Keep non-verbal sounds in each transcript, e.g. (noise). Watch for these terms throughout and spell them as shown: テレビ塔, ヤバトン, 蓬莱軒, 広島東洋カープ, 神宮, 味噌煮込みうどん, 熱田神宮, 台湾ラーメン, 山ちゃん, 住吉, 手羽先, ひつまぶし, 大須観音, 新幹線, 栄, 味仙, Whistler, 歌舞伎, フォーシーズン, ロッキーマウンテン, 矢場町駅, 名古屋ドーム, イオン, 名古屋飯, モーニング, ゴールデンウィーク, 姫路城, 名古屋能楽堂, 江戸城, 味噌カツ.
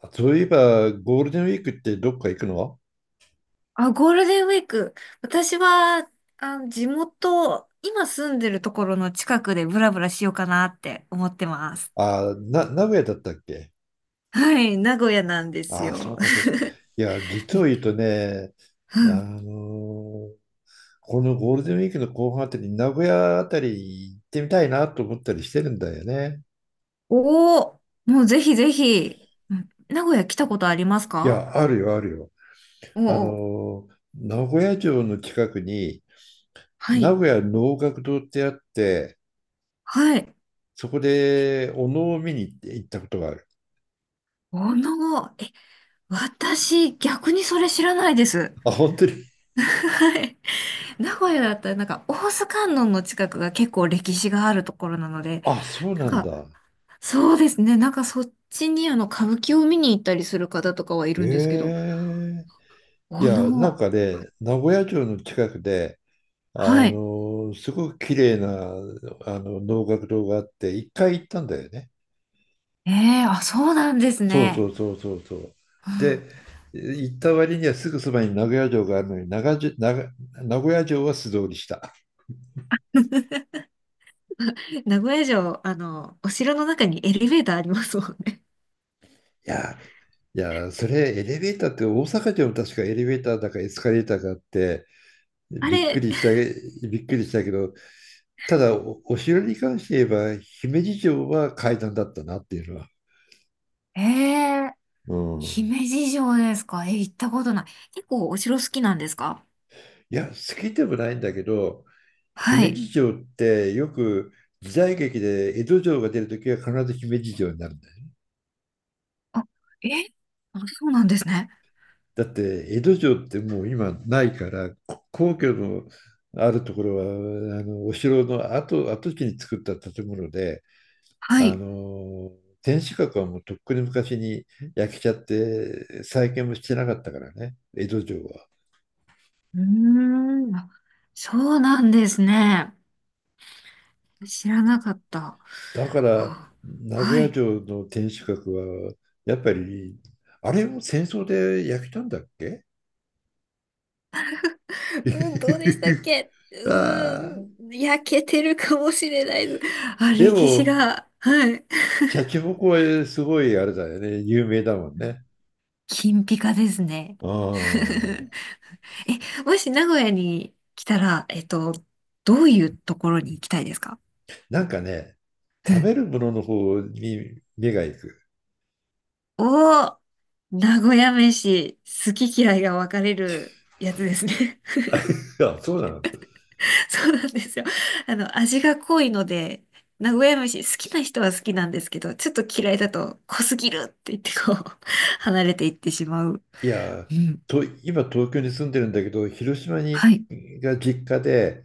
あ、そういえば、ゴールデンウィークってどっか行くの？ゴールデンウィーク。私は、地元、今住んでるところの近くでブラブラしようかなって思ってます。名古屋だったっけ？はい、名古屋なんですあ、そよ。うか、そ (laughs) う。いや、実を言うとね、あのーこのゴールデンウィークの後半あたり、名古屋あたり行ってみたいなと思ったりしてるんだよね。おお、もうぜひぜひ。うん、名古屋来たことありますいか？や、あるよ、あるよ。おお、名古屋城の近くに、は名い、古屋能楽堂ってあって、はい。そこでお能を見に行ったことがある。おの、え、私、逆にそれ知らないです。あ、本当に。はい。名古屋だったらなんか大須観音の近くが結構歴史があるところなので、あ、そうななんんかだ。そうですね。なんかそっちにあの歌舞伎を見に行ったりする方とかはいるんですけえど、え、いおや、なんの、かね、名古屋城の近くで、はい。すごく綺麗な能楽堂があって、一回行ったんだよね。ええ、あ、そうなんですそうそね。うそうそうそう。うで、ん、行った割にはすぐそばに名古屋城があるのに、長じ長名古屋城は素通りした。名古屋城、あの、お城の中にエレベーターありますもんね。いや、いや、それエレベーターって大阪城も確かエレベーターだかエスカレーターがあって、あびっくれ、りした、びっくりしたけど、ただお城に関して言えば、姫路城は階段だったなっていうのは。ええ、うん。姫路城ですか？行ったことない。結構お城好きなんですか？いや、好きでもないんだけど、は姫い。路城ってよく時代劇で江戸城が出るときは必ず姫路城になるんだよ。あ、えあ、そうなんですね。だって江戸城ってもう今ないから、皇居のあるところはお城の跡、跡地に作った建物で、はあい。の天守閣はもうとっくに昔に焼けちゃって再建もしてなかったからね、江戸城は。うーん、あ、そうなんですね。知らなかった。はだからあ、名古は屋い。城の天守閣はやっぱりあれも戦争で焼けたんだっけ？ うん、どうでしたっ (laughs) け？うあーーん、焼けてるかもしれないです。あ、で歴史もが、はい。シャチホコはすごいあれだよね、有名だもんね。金ピカですね。うん。 (laughs) え、もし名古屋に来たら、どういうところに行きたいですか？なんかね、う食ん。べるものの方に目が行く。おー、名古屋飯、好き嫌いが分かれるやつですね。(laughs) いや、そうなの。(laughs) そうなんですよ。あの、味が濃いので、名古屋飯好きな人は好きなんですけど、ちょっと嫌いだと濃すぎるって言ってこう、(laughs) 離れていってしまう。いや、うん。今東京に住んでるんだけど、広島はい。が実家で、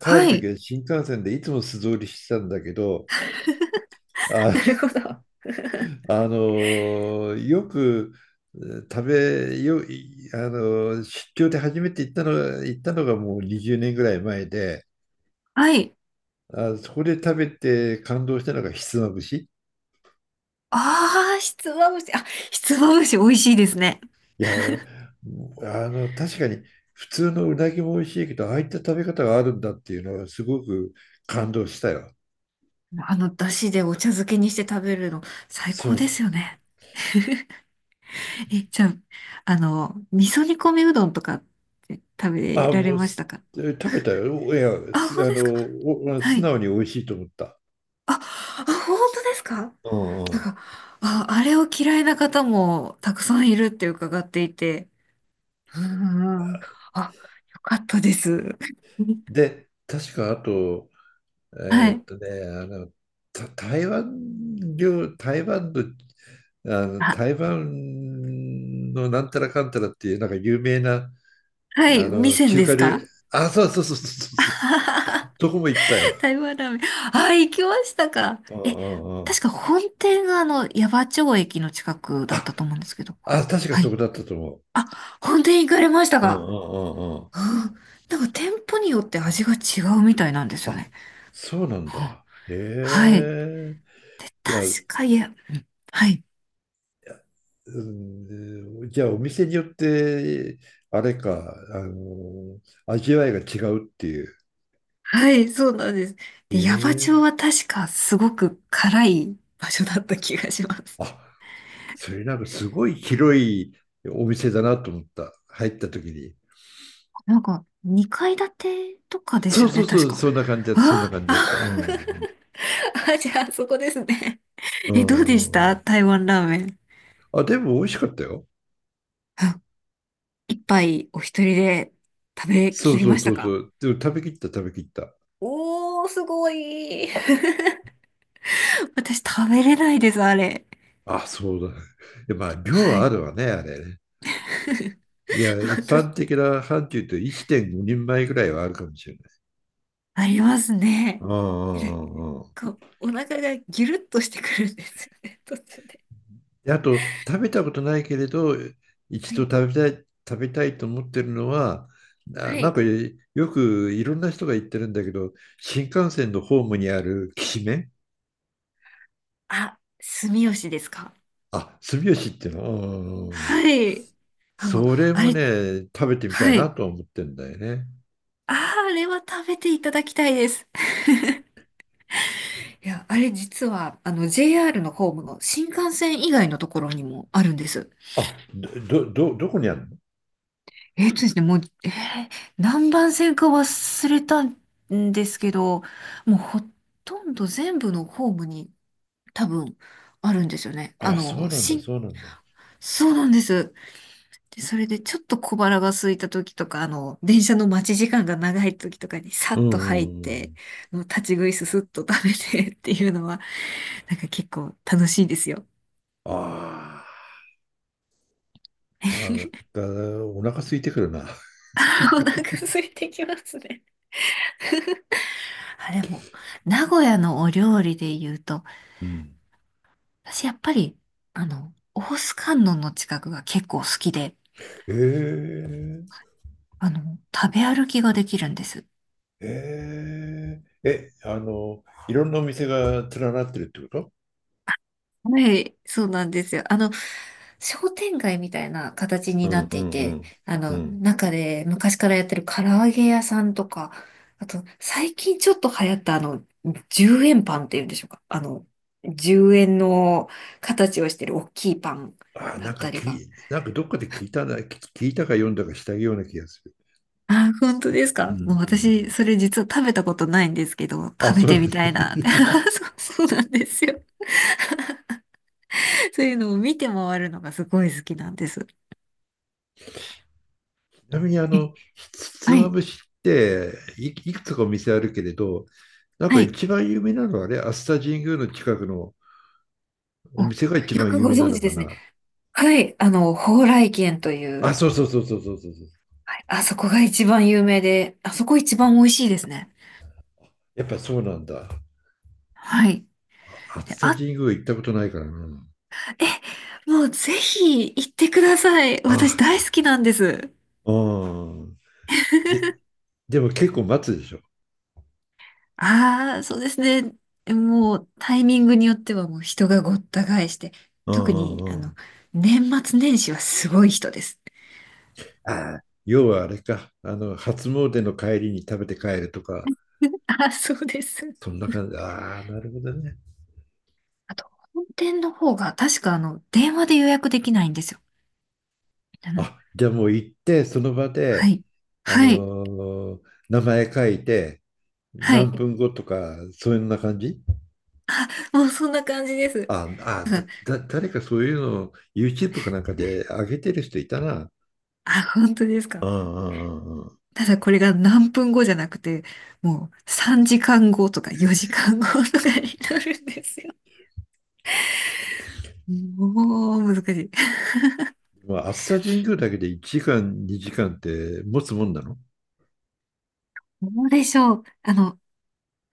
帰るは時い。は新幹線でいつも素通りしてたんだけど、なあるほど。よく、えー食べよあの出張で初めて行ったのがもう20年ぐらい前で、はい。あそこで食べて感動したのがひつまぶし。ああ、ひつまぶし。あ、ひつまぶし美味しいですね。いや、確かに、普通のうなぎも美味しいけど、ああいった食べ方があるんだっていうのはすごく感動したよ。あの、だしでお茶漬けにして食べるの最そ高うでそう。すよね。(laughs) じゃあ、あの、味噌煮込みうどんとかって食べあられもうましたすか？食べたよ、いやあ、す本当あでのすか？おは素い。直に美味しいと思った。あ、あ、本当ですか？うんなんうん。か、あ、あれを嫌いな方もたくさんいるって伺っていて。うんうんうん。あ、よかったです。(laughs) で、確かあと、はえーっい。とね、あの、た台湾料、台湾の、あ、台湾のなんたらかんたらっていう、なんか有名な、はい。味仙中で華す料理、か？あ、そうそうそうそうあそうそははう、は どこも行ったよ。(laughs) 台湾ラーメン。あ、行きましたか。うんうんう確ん。か本店があの、矢場町駅の近くだっあ、たと思うんですけど。あ、確かはそい。こだったと思う。あ、本店行かれましたうんか。うんうんうん。うん。なんか店舗によって味が違うみたいなんですよあ、ね。そうなんうん、だ。へはい。え。で、いや、いや、確か、いや、うん、はい。うん、じゃあ、お店によって、あれか、味わいが違うっていう。はい、そうなんです。で、矢場町えはえ、確かすごく辛い場所だった気がします。あ、それなんかすごい広いお店だなと思った、入った時に。なんか、2階建てとかでそすうよそね、うそ確う、か。そんな感じだった、そんなあ感じだっあ、た。うん。あ、 (laughs) あ、じゃあ、そこですね。うどうでしんうんうたん。台湾ラーメン。あ、でも美味しかったよ。あ、一杯お一人で食べそきうりそうましそたうそか？う。でも食べきった、食べきった。おー、すごい。(laughs) 私食べれないです、あれ。あ、そうだ。で、まあ、量ははあい。るわね、あれね。いや、一般的な範疇と1.5人前ぐらいはあるかもしれない。(laughs) ありますね。うんうんうんうん。こう、お腹がギュルッとしてくるんですよね、途中で。で、あと、食べたことないけれど、一は度い。食べたいと思ってるのは、はなんい。かよく、いろんな人が言ってるんだけど、新幹線のホームにあるきしめん、あ、住吉ですか。あ、住吉っていうの、うんうんうん、はい。あ、もう、それあもれ、ね、食べてみたいはない。と思ってんだよね。あー、あれは食べていただきたいです。いや、あれ実は、あの、JR のホームの新幹線以外のところにもあるんです。あ、どこにあるの？もう、何番線か忘れたんですけど、もうほとんど全部のホームに多分あるんですよね。ああ、その、うなんだ、新、そうなんだ。そうなんです。で、それでちょっと小腹が空いた時とか、あの、電車の待ち時間が長い時とかにさうんっうと入っんうて、ん。もう立ち食いすすっと食べて (laughs) っていうのは、なんか結構楽しいですよ。ああ、なんかお腹空いてくるな。(laughs) お腹空いてきますね。あ、でも、名古屋のお料理で言うと、うん。私やっぱり、あの、大須観音の近くが結構好きで、へえ。あの、食べ歩きができるんです。いろんなお店が連なってるってこと？はい、そうなんですよ。あの、商店街みたいな形うになんっうていんうて、んあうの、ん。中で昔からやってる唐揚げ屋さんとか、あと、最近ちょっと流行ったあの、10円パンっていうんでしょうか。あの、10円の形をしてる大きいパンだなんっかたりが。き、なんかどっかで聞いたな、聞いたか読んだかしたような気がする。あ、本当ですうんうか？んうもう私、ん。それ実は食べたことないんですけど、あ、食べそうてなんみです。たいなって。(laughs) (laughs) そう、そうなんですよ。そういうのを見て回るのがすごい好きなんです。ちなみに、え、ひひつはまい。ぶしっていくつかお店あるけれど、なんかはい。一番有名なのはね、熱田神宮の近くのおあ、店が一よ番く有ご名な存の知かですね。な？はい。あの、蓬莱軒といあ、う、そうそうそうそうそうそうそう。はい、あそこが一番有名で、あそこ一番美味しいですね。やっぱそうなんだ。はい。で、熱田あ、神宮行ったことないからな。え、もうぜひ行ってください。私あ、大好きなんです。うん。で、(laughs) でも結構待つでしょ？ああ、そうですね。もうタイミングによってはもう人がごった返して、う特んうにあんうの、ん。年末年始はすごい人です。ああ、要はあれか。初詣の帰りに食べて帰るとか、あ、そうです。そんな感じ？ああ、なるほどね。あと、本店の方が確かあの、電話で予約できないんですよ。あの、あ、じゃあもう行って、その場はで、い。あはい。のー名前書いて、は何い。分後とか、そういうような感じ？もうそんな感じです。あ (laughs) たあ、だ、誰かそういうのを YouTube かなんかで上げてる人いたな。あ、本当ですうか。んうんうんうん。ただこれが何分後じゃなくて、もう3時間後とか4時間後とかになるんですよ。もう難しい。まあ、熱田神宮だけで1時間、2時間って持つもんなの？どうでしょう。あの、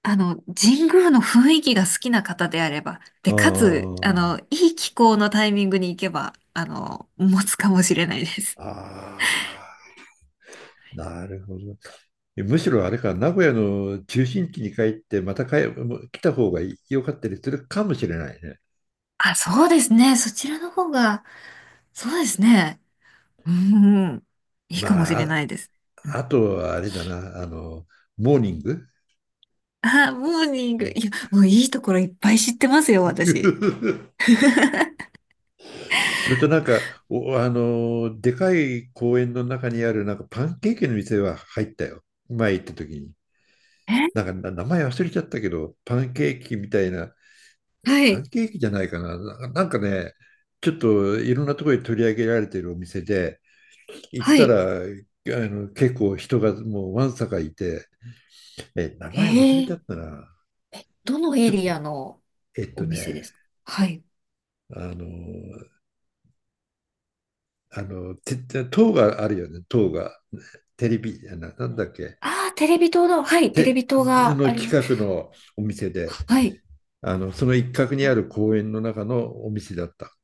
あの、神宮の雰囲気が好きな方であれば、で、あかつ、ああ。の、いい気候のタイミングに行けば、あの、持つかもしれないです。ああ、なるほど。むしろあれか、名古屋の中心地に帰って、またもう来た方が良かったりするかもしれないね。あ、そうですね。そちらの方が、そうですね。うん。いいかもしまれなあ、いです。うん、あとはあれだな、モーニング。 あ、モーニング。いや、もういいところいっぱい知ってますよ、私。(laughs) (laughs) それとなんか、お、あの、でかい公園の中にあるなんかパンケーキの店は入ったよ。前行った時に。なえ、んか、名前忘れちゃったけど、パンケーキみたいなはパンい、ケーキじゃないかな。なんかね、ちょっといろんなところに取り上げられているお店で、行っはたい。ら、結構人がもうわんさかいて、名え前忘れちゃー、ったな。どのエリアのえっおと店でね、すか？はい。あの、あの、て、塔があるよね、塔が。テレビ、なんだっけ。ああ、テレビ塔の、はい、テレて、ビ塔がのあります。近くのお店で、はい。その一角にある公園の中のお店だった。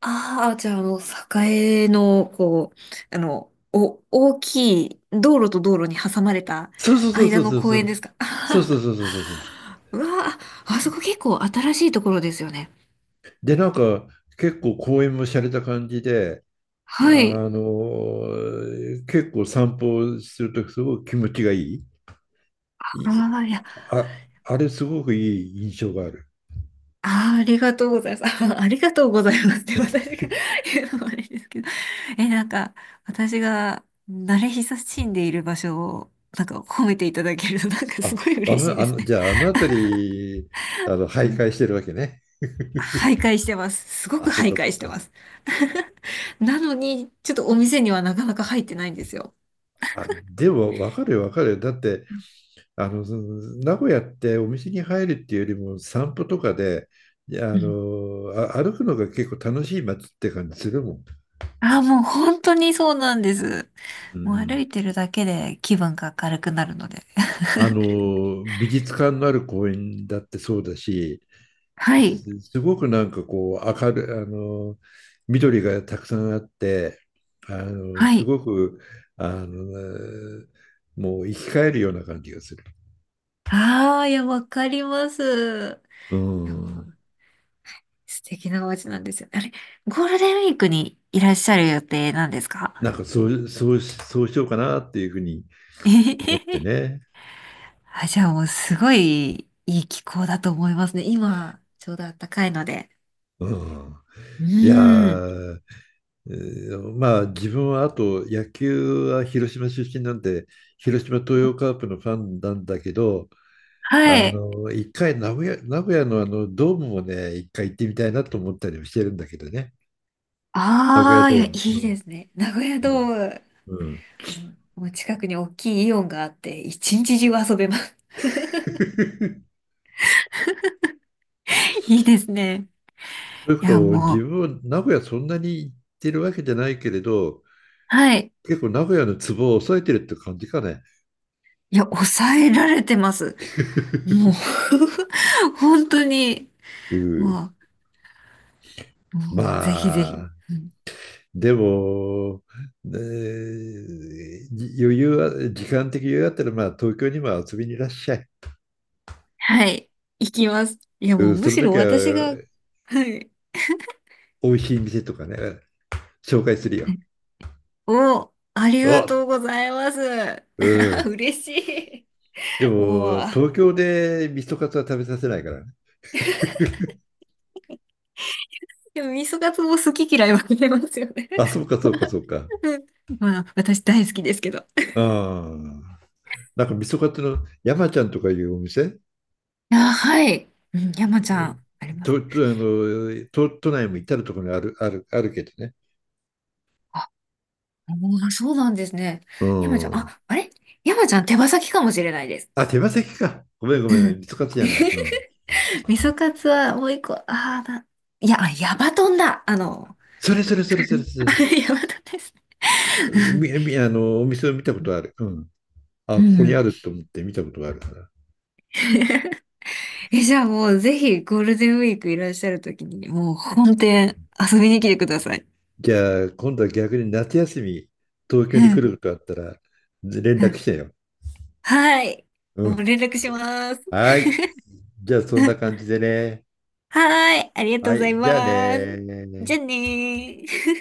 ああ、じゃあ、あの、栄の、こう、あの、お、大きい、道路と道路に挟まれたそうそうそうそ間うのそう公そ園う。ですか？あそはうそうは そうそうそうそう。(laughs) うわあ、あそこ結構新しいところですよね。で、なんか結構公園も洒落た感じで、あはい。の結構散歩するとすごく気持ちがいい。いいああ、いや、あれすごくいい印象がある。あー、ありがとうございます。(laughs) あーありがとうございますって私が (laughs) 言うのもあれですけど。(laughs) え、なんか、私が慣れ親しんでいる場所を、なんか褒めていただけると、なんかすあ、ごい嬉しいですね。じゃああの辺り、徘徊してるわけね？徘徊してます。すごあ、くそう徘かそ徊うしてか。ます。(laughs) なのに、ちょっとお店にはなかなか入ってないんですよ。あ、でも分かるよ、分かるよ。だって、その名古屋ってお店に入るっていうよりも散歩とかで、いや、うん。歩くのが結構楽しい街って感じするもん。ああ、もう本当にそうなんです。うんうもう歩ん。いてるだけで気分が明るくなるので。美術館のある公園だってそうだし、(laughs) はい。すごくなんかこう、明るい、緑がたくさんあって、はすい。ごく、あの、もう生き返るような感じがする。ああ、いや、わかります。ういや、もん。う素敵な街なんですよ。あれ、ゴールデンウィークにいらっしゃる予定なんですなか？んかそうしようかなっていうふうにえへへ思ってへ ね。(laughs) あ、じゃあもうすごいいい気候だと思いますね。今、ちょうど暖かいので。うん。ういやーん。ー、まあ、自分はあと、野球は広島出身なんで、広島東洋カープのファンなんだけど、はい。一回名古屋のドームもね、一回行ってみたいなと思ったりもしてるんだけどね。名古屋ああ、いドーや、いいム。ですね。名古屋ドうーん。ム、うん。うん。 もうもう近くに大きいイオンがあって、一日中遊べます。(laughs) (laughs) いいですね。というこいや、とをも自う、分は名古屋そんなに行ってるわけじゃないけれど、はい。結構名古屋のツボを抑えてるって感じかね？いや、抑えられてます。もう (laughs) 本当に、うん。もう、もう、ぜひぜひ。まあ、うん、でも、ねじ余裕は、時間的余裕があったら、まあ、東京にも遊びにいらっしゃい。はい。行きます。いや、うもう、ん、そむのしろ時私が、は、はい。美味しい店とかね、紹介するよ。お、ありがお、とうございます。う (laughs) ん。嬉しい。で (laughs) もう。も、東京で味噌カツは食べさせないからね。でも、味噌カツも好き嫌い分かれますよね。あ、そうか、そうか、(laughs) そうか。うん。まあ、私大好きですけど。ああ。なんか味噌カツの山ちゃんとかいうお店、あ、はい。うん、え山ちゃーん、あります。と、と、あの、都内も至るところにある、ある、あるけどね。あ、もうそうなんですね。う山ちゃん、ん。あ、あれ山ちゃん手羽先かもしれないです。あ、手羽先か。ごめん、ご (laughs) めうん、ん。味噌カツじゃない。うん。(laughs) 味噌カツはもう一個、ああ、な、いや、あ、ヤバトンだ。あの、それ、それ、それ、そ (laughs) れ、それ。やばです。うん。み、み、あの、お店を見たことある。うん。うあ、ここにん あると思って見たことがあるから。(laughs) じゃあもうぜひゴールデンウィークいらっしゃるときに、もう本店遊びに来てください。じゃあ、今度は逆に夏休み、東京うに来ん。ることあったら、連う絡ん、してよ。はい。うもうん。連絡します。はい。じゃあ、そんな (laughs) 感じでね。はい。ありがとはうございい。じゃあます。じね。ゃあねー。